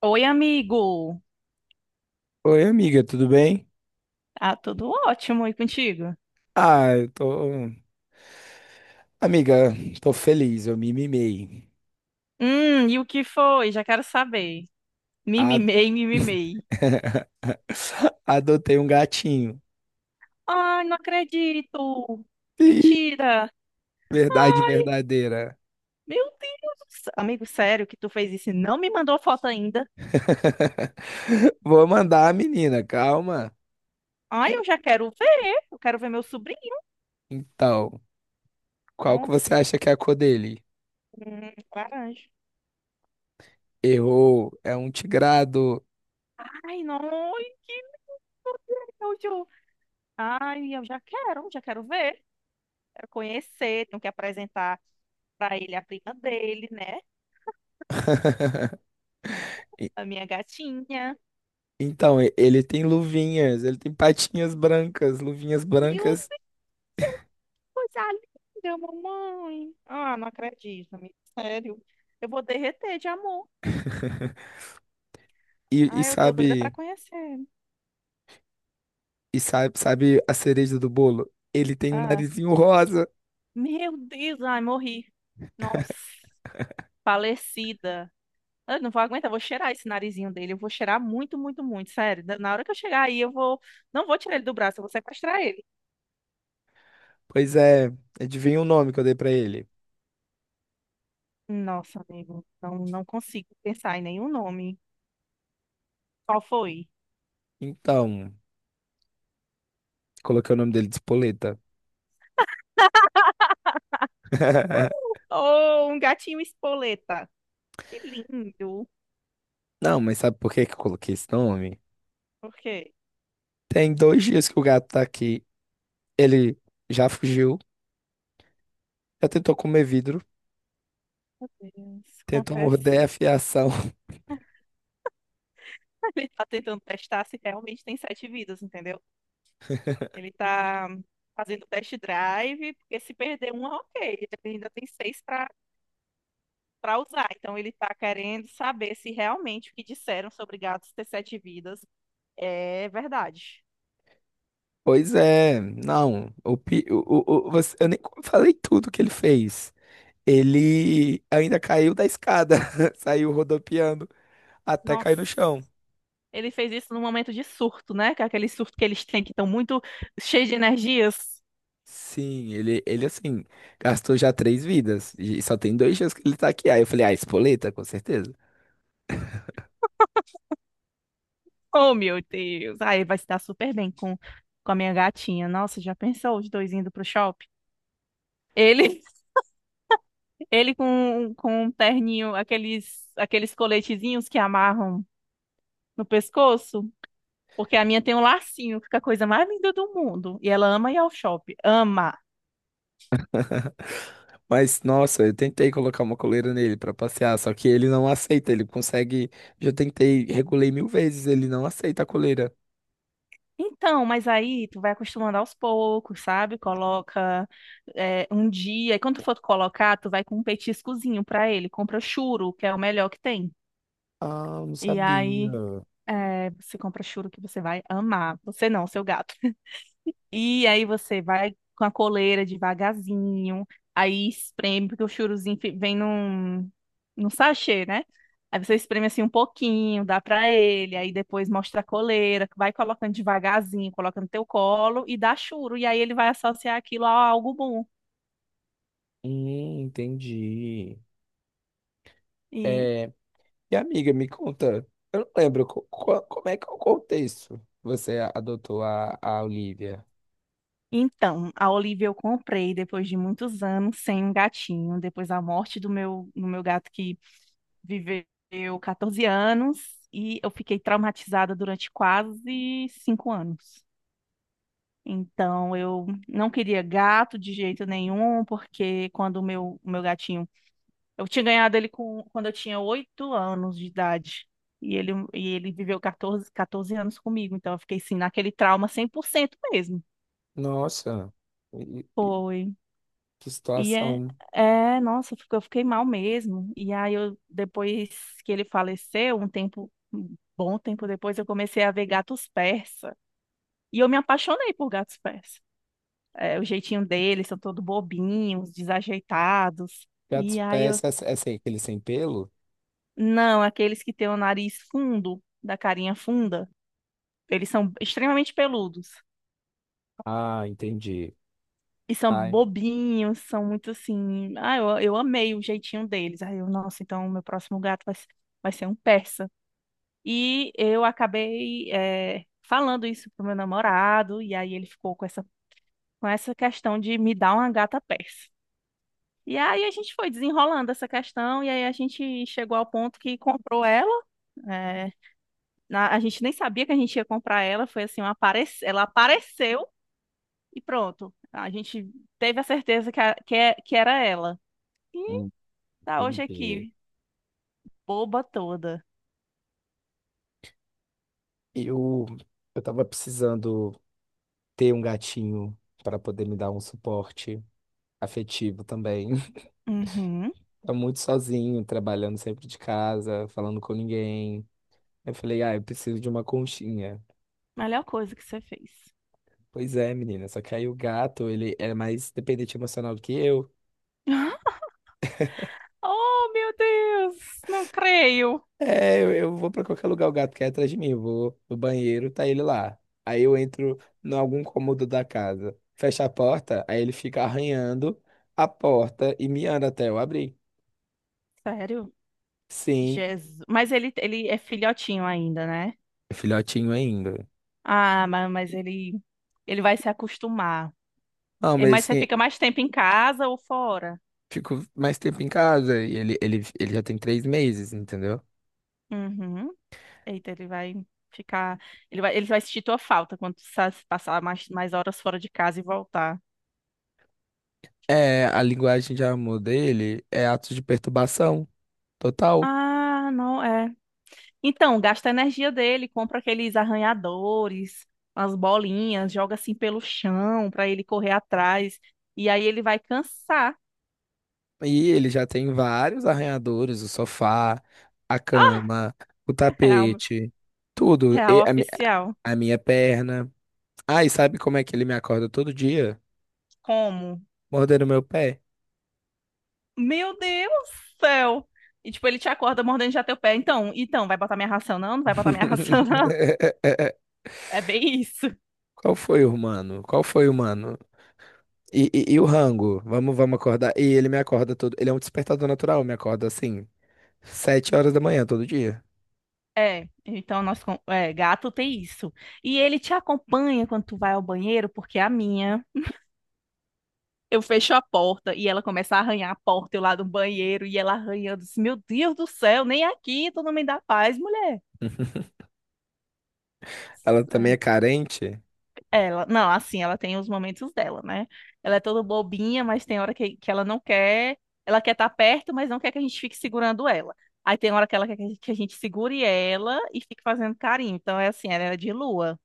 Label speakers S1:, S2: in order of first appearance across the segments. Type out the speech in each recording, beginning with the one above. S1: Oi, amigo.
S2: Oi, amiga, tudo bem?
S1: Ah, tudo ótimo. E contigo?
S2: Ah, eu tô. Amiga, tô feliz, eu me mimei.
S1: E o que foi? Já quero saber.
S2: A-
S1: Mimimei, mimimei.
S2: Adotei um gatinho.
S1: Ai, não acredito.
S2: Ih,
S1: Mentira.
S2: verdade verdadeira.
S1: Meu Deus. Amigo, sério que tu fez isso e não me mandou foto ainda?
S2: Vou mandar a menina, calma.
S1: Ai, eu já quero ver. Eu quero ver meu sobrinho.
S2: Então, qual que você
S1: Nossa.
S2: acha que é a cor dele?
S1: Laranja.
S2: Errou, é um tigrado.
S1: Ai, não. Ai, que nojo. Ai, eu já quero. Já quero ver. Quero conhecer. Tenho que apresentar para ele a prima dele, né?
S2: E-
S1: A minha gatinha.
S2: Então, ele tem luvinhas, ele tem patinhas brancas, luvinhas
S1: Meu Deus,
S2: brancas.
S1: coisa linda, mamãe. Ah, não acredito, amiga. Sério. Eu vou derreter de amor.
S2: E, e
S1: Ah, eu tô doida pra
S2: sabe,
S1: conhecer.
S2: sabe a cereja do bolo? Ele tem um
S1: Ah,
S2: narizinho rosa.
S1: meu Deus, ai, morri. Nossa, falecida. Eu não vou aguentar, eu vou cheirar esse narizinho dele. Eu vou cheirar muito, muito, muito. Sério, na hora que eu chegar aí, eu vou. Não vou tirar ele do braço, eu vou sequestrar ele.
S2: Pois é, adivinha o nome que eu dei pra ele.
S1: Nossa, amigo, não consigo pensar em nenhum nome. Qual foi?
S2: Então, coloquei o nome dele de Espoleta.
S1: Oh, um gatinho espoleta. Que lindo.
S2: Não, mas sabe por que que eu coloquei esse nome?
S1: Por quê?
S2: Tem 2 dias que o gato tá aqui. Ele já fugiu, já tentou comer vidro,
S1: Meu Deus,
S2: tentou
S1: acontece.
S2: morder a fiação.
S1: Ele tá tentando testar se realmente tem sete vidas, entendeu? Ele tá fazendo test drive, porque se perder uma, ok, ele ainda tem seis para usar. Então ele tá querendo saber se realmente o que disseram sobre gatos ter sete vidas é verdade.
S2: Pois é, não. O, pi- o- você- Eu nem falei tudo que ele fez. Ele ainda caiu da escada, saiu rodopiando até cair
S1: Nossa.
S2: no chão.
S1: Ele fez isso num momento de surto, né? Que é aquele surto que eles têm que estão muito cheios de energias.
S2: Sim, ele assim, gastou já três vidas e só tem 2 dias que ele tá aqui. Aí eu falei, ah, espoleta, com certeza.
S1: Oh, meu Deus. Aí vai se dar super bem com a minha gatinha. Nossa, já pensou os dois indo pro shopping? Ele, ele com um terninho, aqueles coletezinhos que amarram no pescoço, porque a minha tem um lacinho, fica a coisa mais linda do mundo. E ela ama ir ao shopping, ama.
S2: Mas, nossa, eu tentei colocar uma coleira nele pra passear, só que ele não aceita, ele consegue. Já tentei, regulei mil vezes, ele não aceita a coleira.
S1: Então, mas aí tu vai acostumando aos poucos, sabe? Coloca um dia, e quando tu for colocar, tu vai com um petiscozinho pra ele. Compra churo, que é o melhor que tem.
S2: Ah, eu não
S1: E
S2: sabia.
S1: aí você compra churo que você vai amar. Você não, seu gato. E aí você vai com a coleira devagarzinho, aí espreme, porque o vem num sachê, né? Aí você espreme assim um pouquinho, dá pra ele, aí depois mostra a coleira, vai colocando devagarzinho, coloca no teu colo e dá churo, e aí ele vai associar aquilo a algo bom.
S2: Entendi.
S1: E
S2: É, e amiga, me conta, eu não lembro como é que é o contexto que você adotou a Olivia.
S1: então, a Olivia eu comprei depois de muitos anos sem um gatinho, depois da morte do meu gato que viveu 14 anos e eu fiquei traumatizada durante quase 5 anos. Então, eu não queria gato de jeito nenhum, porque quando o meu gatinho. Eu tinha ganhado ele quando eu tinha 8 anos de idade. E ele viveu 14 anos comigo. Então, eu fiquei assim, naquele trauma 100% mesmo.
S2: Nossa.
S1: Foi.
S2: Que
S1: E é,
S2: situação.
S1: é, nossa, eu fiquei mal mesmo. E aí eu, depois que ele faleceu, um bom tempo depois, eu comecei a ver gatos persa. E eu me apaixonei por gatos persa. É, o jeitinho deles, são todos bobinhos, desajeitados.
S2: Gatos
S1: E aí eu,
S2: pés, essa aí, aquele sem pelo?
S1: não, aqueles que têm o nariz fundo, da carinha funda, eles são extremamente peludos.
S2: Ah, entendi.
S1: E são
S2: Ai,
S1: bobinhos, são muito assim. Ah, eu amei o jeitinho deles. Aí eu, nossa, então meu próximo gato vai ser um persa. E eu acabei falando isso pro meu namorado, e aí ele ficou com com essa questão de me dar uma gata persa. E aí a gente foi desenrolando essa questão, e aí a gente chegou ao ponto que comprou ela. eh, a gente nem sabia que a gente ia comprar ela, foi assim, ela apareceu e pronto. A gente teve a certeza que, a- que, é- que era ela. E tá hoje
S2: entendi.
S1: aqui, boba toda.
S2: Eu, eu tava precisando ter um gatinho para poder me dar um suporte afetivo também.
S1: Uhum,
S2: Tá muito sozinho, trabalhando sempre de casa, falando com ninguém. Eu falei, ah, eu preciso de uma conchinha.
S1: melhor coisa que você fez.
S2: Pois é, menina, só que aí o gato, ele é mais dependente emocional do que eu.
S1: Oh, meu Deus! Não creio.
S2: É, eu vou pra qualquer lugar, o gato quer atrás de mim. Eu vou no banheiro, tá ele lá. Aí eu entro em algum cômodo da casa, fecho a porta, aí ele fica arranhando a porta e miando até eu abrir.
S1: Sério?
S2: Sim,
S1: Jesus. Mas ele é filhotinho ainda, né?
S2: é filhotinho ainda.
S1: Ah, mas ele vai se acostumar.
S2: Não,
S1: É,
S2: mas
S1: mas você
S2: assim,
S1: fica mais tempo em casa ou fora?
S2: fico mais tempo em casa e ele já tem 3 meses, entendeu?
S1: Uhum. Eita, ele vai ficar. Ele vai sentir tua falta quando passar mais horas fora de casa e voltar.
S2: É, a linguagem de amor dele é atos de perturbação total.
S1: Ah, não, é. Então, gasta a energia dele, compra aqueles arranhadores, as bolinhas, joga assim pelo chão pra ele correr atrás. E aí ele vai cansar.
S2: E ele já tem vários arranhadores, o sofá, a
S1: Ah,
S2: cama, o
S1: real,
S2: tapete, tudo.
S1: real
S2: E
S1: oficial.
S2: a minha perna. Ah, e sabe como é que ele me acorda todo dia?
S1: Como?
S2: Mordendo meu pé.
S1: Meu Deus do céu! E tipo, ele te acorda mordendo já teu pé. Então, vai botar minha ração não? Não vai botar minha ração não? É bem isso.
S2: Qual foi o humano? Qual foi o humano? E o rango? Vamos, vamos acordar. E ele me acorda todo. Ele é um despertador natural, me acorda assim, 7 horas da manhã todo dia.
S1: É, então é, gato tem isso. E ele te acompanha quando tu vai ao banheiro, porque a minha eu fecho a porta e ela começa a arranhar a porta, eu lá do banheiro, e ela arranhando. Assim, meu Deus do céu, nem aqui tu não me dá paz, mulher.
S2: Ela também é carente.
S1: Ela, não, assim, ela tem os momentos dela, né? Ela é toda bobinha, mas tem hora que ela não quer, ela quer estar perto, mas não quer que a gente fique segurando ela. Aí tem hora que ela quer que a gente segure ela e fique fazendo carinho. Então é assim, ela é de lua.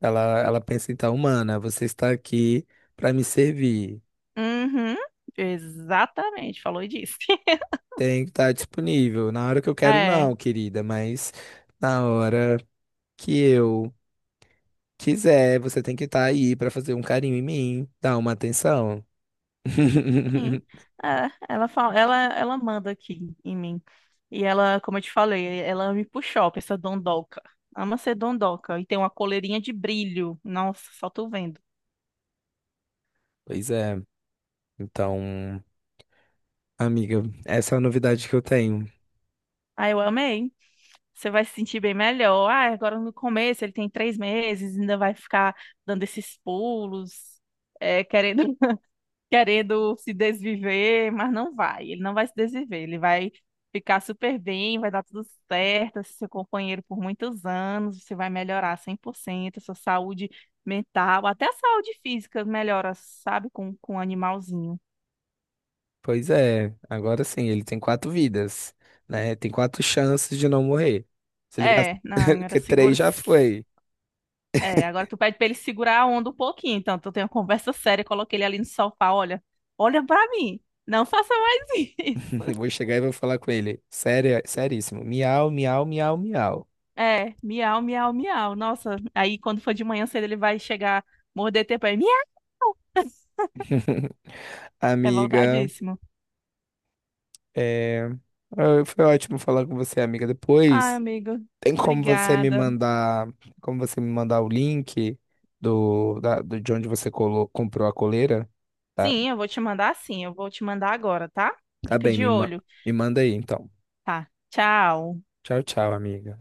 S2: Ela pensa, então, humana, você está aqui para me servir.
S1: Uhum, exatamente, falou e disse.
S2: Tem que estar disponível. Na hora que eu quero,
S1: É.
S2: não, querida, mas na hora que eu quiser, você tem que estar aí para fazer um carinho em mim, dar uma atenção.
S1: Sim. É, ela fala, ela manda aqui em mim. E ela, como eu te falei, ela me puxou pra essa dondoca. Ama ser dondoca. E tem uma coleirinha de brilho. Nossa, só tô vendo.
S2: Pois é. Então, amiga, essa é a novidade que eu tenho.
S1: Ah, eu amei. Você vai se sentir bem melhor. Ah, agora no começo ele tem 3 meses, ainda vai ficar dando esses pulos, é, querendo se desviver, mas não vai. Ele não vai se desviver, ele vai ficar super bem, vai dar tudo certo, esse seu companheiro por muitos anos, você vai melhorar 100%, a sua saúde mental, até a saúde física melhora, sabe, com o animalzinho.
S2: Pois é, agora sim, ele tem quatro vidas, né? Tem quatro chances de não morrer. Se ele gastar,
S1: É, não, era
S2: que três
S1: seguro.
S2: já foi.
S1: É, agora tu pede pra ele segurar a onda um pouquinho, então tu tem uma conversa séria, coloquei ele ali no sofá, olha, olha pra mim, não faça mais
S2: Eu
S1: isso.
S2: vou chegar e vou falar com ele. Sério, seríssimo. Miau, miau, miau, miau.
S1: É, miau, miau, miau. Nossa, aí quando for de manhã cedo ele vai chegar, morder teu pé. Miau!
S2: Amiga.
S1: Revoltadíssimo.
S2: É, ah, foi ótimo falar com você, amiga.
S1: Ai,
S2: Depois,
S1: amigo,
S2: tem como você me
S1: obrigada.
S2: mandar, como você me mandar o link de onde você comprou a coleira? Tá,
S1: Sim, eu vou te mandar sim, eu vou te mandar agora, tá?
S2: tá
S1: Fica
S2: bem,
S1: de olho.
S2: me manda aí, então.
S1: Tá, tchau.
S2: Tchau, tchau, amiga.